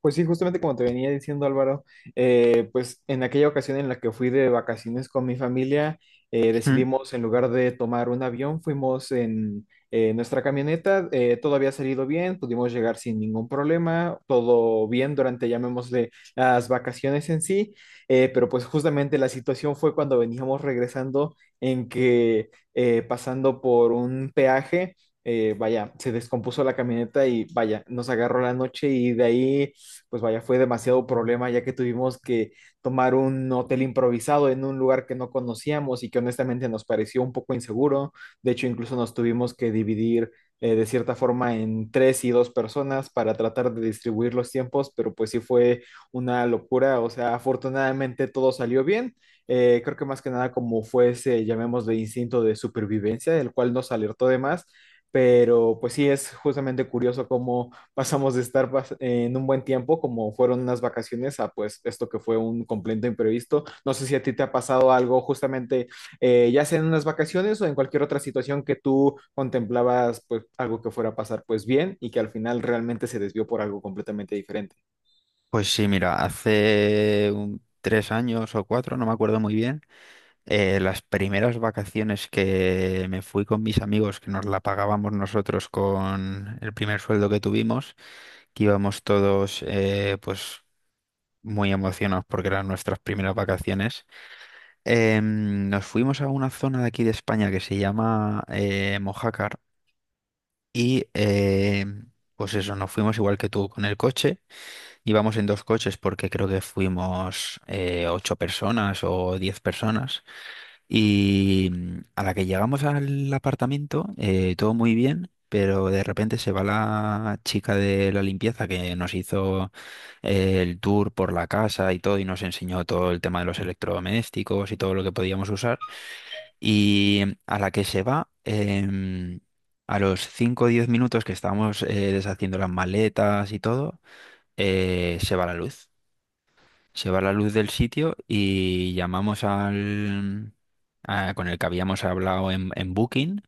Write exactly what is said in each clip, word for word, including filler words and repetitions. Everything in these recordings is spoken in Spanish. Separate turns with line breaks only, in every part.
Pues sí, justamente como te venía diciendo, Álvaro, eh, pues en aquella ocasión en la que fui de vacaciones con mi familia, eh,
Mm.
decidimos, en lugar de tomar un avión, fuimos en eh, nuestra camioneta. Eh, todo había salido bien, pudimos llegar sin ningún problema, todo bien durante, llamémosle, las vacaciones en sí. Eh, pero pues justamente la situación fue cuando veníamos regresando, en que eh, pasando por un peaje, eh, vaya, se descompuso la camioneta y, vaya, nos agarró la noche, y de ahí pues, vaya, fue demasiado problema, ya que tuvimos que tomar un hotel improvisado en un lugar que no conocíamos y que honestamente nos pareció un poco inseguro. De hecho, incluso nos tuvimos que dividir, eh, de cierta forma, en tres y dos personas para tratar de distribuir los tiempos, pero pues sí fue una locura. O sea, afortunadamente todo salió bien. Eh, creo que más que nada como fue ese, llamemos, de instinto de supervivencia, el cual nos alertó de más. Pero pues sí, es justamente curioso cómo pasamos de estar pas- en un buen tiempo, como fueron unas vacaciones, a pues esto que fue un completo imprevisto. No sé si a ti te ha pasado algo justamente, eh, ya sea en unas vacaciones o en cualquier otra situación que tú contemplabas, pues algo que fuera a pasar pues bien, y que al final realmente se desvió por algo completamente diferente.
Pues sí, mira, hace un- tres años o cuatro, no me acuerdo muy bien. Eh, las primeras vacaciones que me fui con mis amigos, que nos la pagábamos nosotros con el primer sueldo que tuvimos, que íbamos todos, eh, pues muy emocionados porque eran nuestras primeras vacaciones. Em, nos fuimos a una zona de aquí de España que se llama, eh, Mojácar, y em, pues eso, nos fuimos igual que tú con el coche. Íbamos en dos coches porque creo que fuimos, eh, ocho personas o diez personas. Y mm, a la que llegamos al apartamento, eh, todo muy bien, pero de repente se va la chica de la limpieza que nos hizo, eh, el tour por la casa y todo, y nos enseñó todo el tema de los electrodomésticos y todo lo que podíamos usar. Y mm, a la que se va... em, a los cinco o diez minutos que estábamos, eh, deshaciendo las maletas y todo, eh, se va la luz. Se va la luz del sitio y llamamos al... a- con el que habíamos hablado en, en Booking,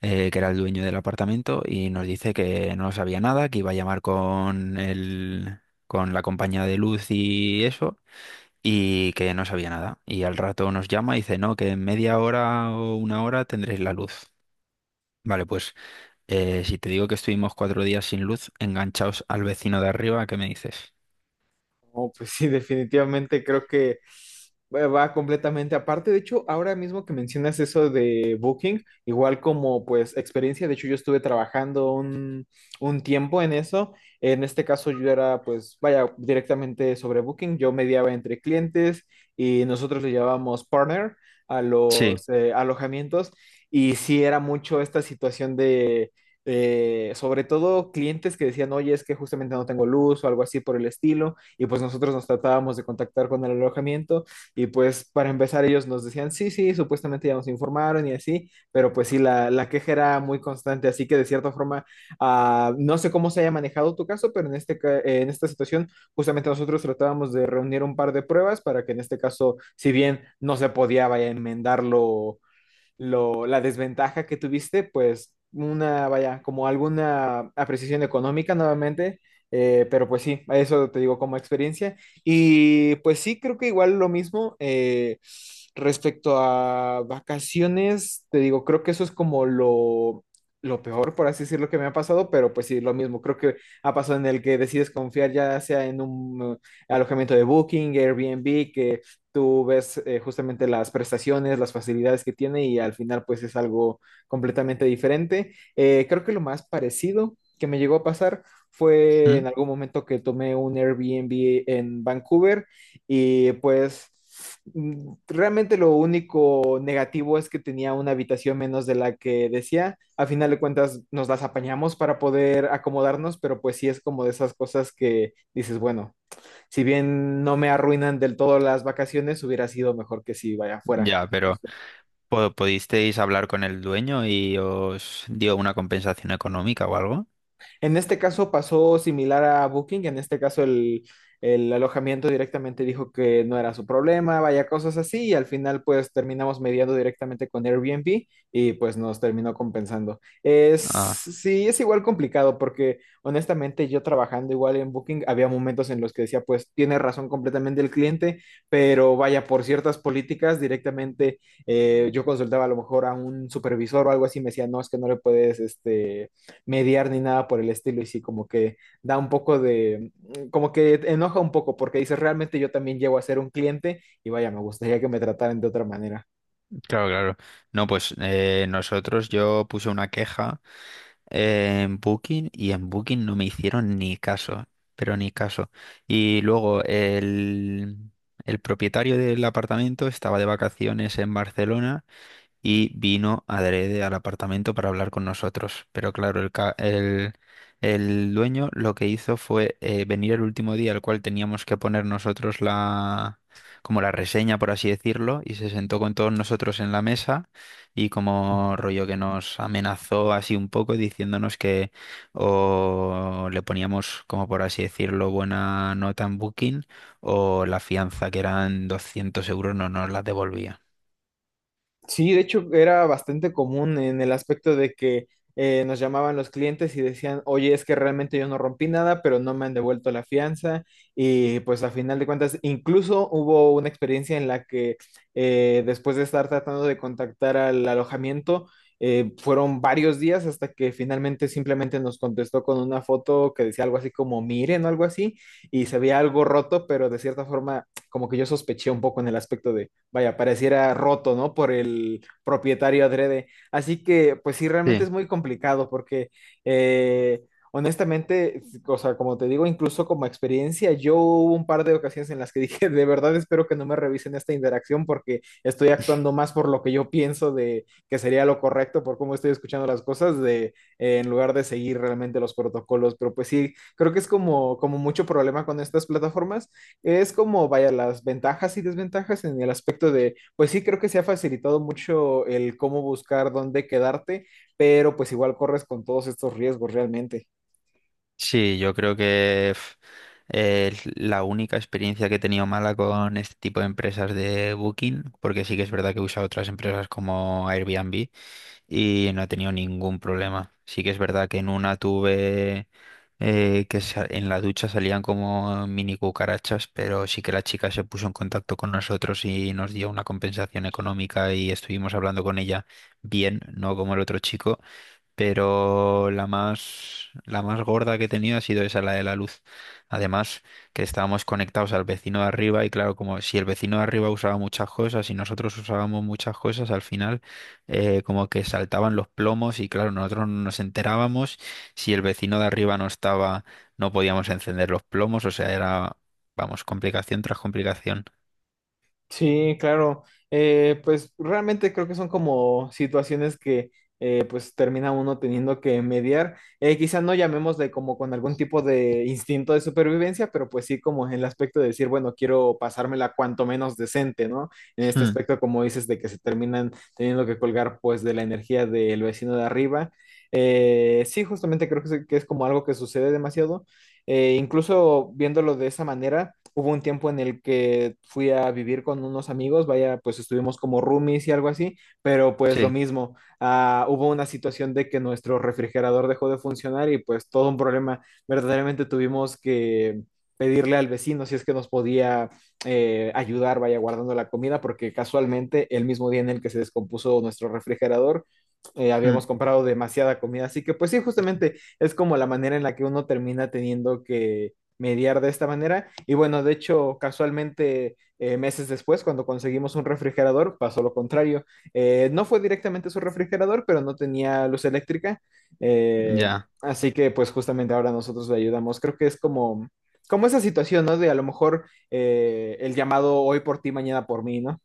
eh, que era el dueño del apartamento, y nos dice que no sabía nada, que iba a llamar con el, con la compañía de luz y eso, y que no sabía nada. Y al rato nos llama y dice, no, que en media hora o una hora tendréis la luz. Vale, pues, eh, si te digo que estuvimos cuatro días sin luz, enganchaos al vecino de arriba, ¿qué me dices?
No, pues sí, definitivamente creo que va va completamente aparte. De hecho, ahora mismo que mencionas eso de Booking, igual como pues experiencia, de hecho yo estuve trabajando un, un tiempo en eso. En este caso yo era, pues, vaya, directamente sobre Booking. Yo mediaba entre clientes, y nosotros le llamábamos partner a
Sí.
los eh, alojamientos. Y sí era mucho esta situación de… eh, sobre todo clientes que decían, oye, es que justamente no tengo luz o algo así por el estilo, y pues nosotros nos tratábamos de contactar con el alojamiento, y pues para empezar ellos nos decían, sí, sí, supuestamente ya nos informaron y así, pero pues sí, la, la queja era muy constante, así que de cierta forma, ah, no sé cómo se haya manejado tu caso, pero en, este, ca- eh, en esta situación justamente nosotros tratábamos de reunir un par de pruebas para que, en este caso, si bien no se podía, vaya, enmendarlo, lo, la desventaja que tuviste, pues una, vaya, como alguna apreciación económica nuevamente. Eh, pero pues sí, eso te digo como experiencia. Y pues sí, creo que igual lo mismo, eh, respecto a vacaciones, te digo, creo que eso es como lo… lo peor, por así decirlo, que me ha pasado. Pero pues sí, lo mismo. Creo que ha pasado en el que decides confiar ya sea en un eh, alojamiento de Booking, Airbnb, que tú ves eh, justamente las prestaciones, las facilidades que tiene, y al final pues es algo completamente diferente. Eh, creo que lo más parecido que me llegó a pasar fue
¿Mm?
en algún momento que tomé un Airbnb en Vancouver, y pues mm, realmente lo único negativo es que tenía una habitación menos de la que decía. A final de cuentas nos las apañamos para poder acomodarnos, pero pues sí es como de esas cosas que dices, bueno, si bien no me arruinan del todo las vacaciones, hubiera sido mejor que si vaya afuera.
Ya, pero... Po- ¿pudisteis hablar con el dueño y os dio una compensación económica o algo?
En este caso pasó similar a Booking. En este caso el, el alojamiento directamente dijo que no era su problema, vaya, cosas así, y al final pues terminamos mediando directamente con Airbnb y pues nos terminó compensando. Es,
Ah,
sí, es igual complicado, porque honestamente yo, trabajando igual en Booking, había momentos en los que decía, pues tiene razón completamente el cliente, pero vaya, por ciertas políticas directamente, eh, yo consultaba a lo mejor a un supervisor o algo así, me decía, no, es que no le puedes, este, mediar ni nada por el estilo, y sí, como que da un poco de, mm, como que enoja un poco, porque dices, realmente yo también llego a ser un cliente y, vaya, me gustaría que me trataran de otra manera.
claro, claro. No, pues, eh, nosotros yo puse una queja en Booking y en Booking no me hicieron ni caso, pero ni caso. Y luego el, el propietario del apartamento estaba de vacaciones en Barcelona y vino adrede al apartamento para hablar con nosotros. Pero claro, el, ca- el, el dueño lo que hizo fue, eh, venir el último día al cual teníamos que poner nosotros la, como la reseña, por así decirlo, y se sentó con todos nosotros en la mesa, y como rollo que nos amenazó así un poco, diciéndonos que o le poníamos, como por así decirlo, buena nota en Booking, o la fianza, que eran doscientos euros, no nos la devolvía.
Sí, de hecho era bastante común en el aspecto de que eh, nos llamaban los clientes y decían, oye, es que realmente yo no rompí nada, pero no me han devuelto la fianza. Y pues a final de cuentas, incluso hubo una experiencia en la que eh, después de estar tratando de contactar al alojamiento, eh, fueron varios días hasta que finalmente simplemente nos contestó con una foto que decía algo así como miren o algo así, y se veía algo roto, pero de cierta forma como que yo sospeché un poco en el aspecto, vaya, pareciera roto, ¿no? Por el propietario, adrede. Así que pues sí, realmente es
Sí.
muy complicado, porque eh, honestamente, o sea, como te digo, incluso como experiencia, yo hubo un par de ocasiones en las que dije, de verdad espero que no me revisen esta interacción, porque estoy actuando más por lo que yo pienso de que sería lo correcto, por cómo estoy escuchando las cosas, de, eh, en lugar de seguir realmente los protocolos. Pero pues sí, creo que es como, como mucho problema con estas plataformas, es como, vaya, las ventajas y desventajas en el aspecto de, pues sí, creo que se ha facilitado mucho el cómo buscar dónde quedarte, pero pues igual corres con todos estos riesgos realmente.
Sí, yo creo que pf, es la única experiencia que he tenido mala con este tipo de empresas de Booking, porque sí que es verdad que he usado otras empresas como Airbnb y no he tenido ningún problema. Sí que es verdad que en una tuve, eh, que sa- en la ducha salían como mini cucarachas, pero sí que la chica se puso en contacto con nosotros y nos dio una compensación económica y estuvimos hablando con ella bien, no como el otro chico. Pero la más, la más gorda que he tenido ha sido esa, la de la luz. Además, que estábamos conectados al vecino de arriba, y claro, como si el vecino de arriba usaba muchas cosas y nosotros usábamos muchas cosas, al final, eh, como que saltaban los plomos, y claro, nosotros no nos enterábamos. Si el vecino de arriba no estaba, no podíamos encender los plomos, o sea, era, vamos, complicación tras complicación.
Sí, claro. Eh, pues realmente creo que son como situaciones que, eh, pues termina uno teniendo que mediar. Eh, quizá no, llamémosle como con algún tipo de instinto de supervivencia, pero pues sí, como en el aspecto de decir, bueno, quiero pasármela cuanto menos decente, ¿no? En este
Hmm.
aspecto, como dices, de que se terminan teniendo que colgar pues de la energía del vecino de arriba. Eh, sí, justamente creo que es, que es como algo que sucede demasiado. Eh, incluso viéndolo de esa manera, hubo un tiempo en el que fui a vivir con unos amigos, vaya, pues estuvimos como roomies y algo así, pero pues lo
Sí.
mismo, ah, hubo una situación de que nuestro refrigerador dejó de funcionar y pues todo un problema. Verdaderamente tuvimos que pedirle al vecino si es que nos podía eh, ayudar, vaya, guardando la comida, porque casualmente el mismo día en el que se descompuso nuestro refrigerador, eh,
Hmm.
habíamos comprado demasiada comida. Así que pues sí, justamente es como la manera en la que uno termina teniendo que mediar de esta manera. Y bueno, de hecho, casualmente, eh, meses después, cuando conseguimos un refrigerador, pasó lo contrario. Eh, no fue directamente su refrigerador, pero no tenía luz eléctrica. Eh,
Ya.
así que pues justamente ahora nosotros le ayudamos. Creo que es como, como esa situación, ¿no? De a lo mejor eh, el llamado hoy por ti, mañana por mí, ¿no?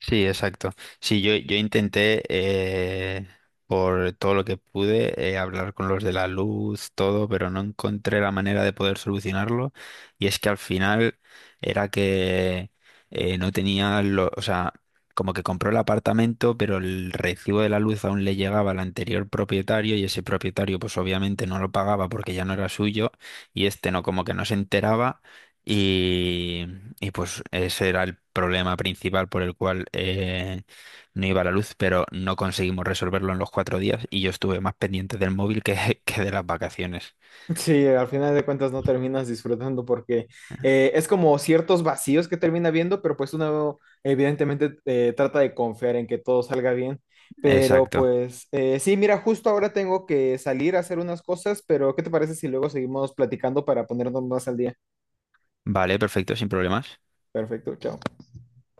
Sí, exacto. Sí, yo, yo intenté, eh, por todo lo que pude, eh, hablar con los de la luz, todo, pero no encontré la manera de poder solucionarlo. Y es que al final era que, eh, no tenía, lo, o sea, como que compró el apartamento, pero el recibo de la luz aún le llegaba al anterior propietario, y ese propietario pues obviamente no lo pagaba porque ya no era suyo, y este no, como que no se enteraba, y pues ese era el problema principal por el cual, eh, no iba la luz, pero no conseguimos resolverlo en los cuatro días, y yo estuve más pendiente del móvil que, que de las vacaciones.
Sí, al final de cuentas no terminas disfrutando porque eh, es como ciertos vacíos que termina viendo, pero pues uno evidentemente eh, trata de confiar en que todo salga bien. Pero
Exacto.
pues eh, sí, mira, justo ahora tengo que salir a hacer unas cosas, pero ¿qué te parece si luego seguimos platicando para ponernos más al día?
Vale, perfecto, sin problemas.
Perfecto, chao.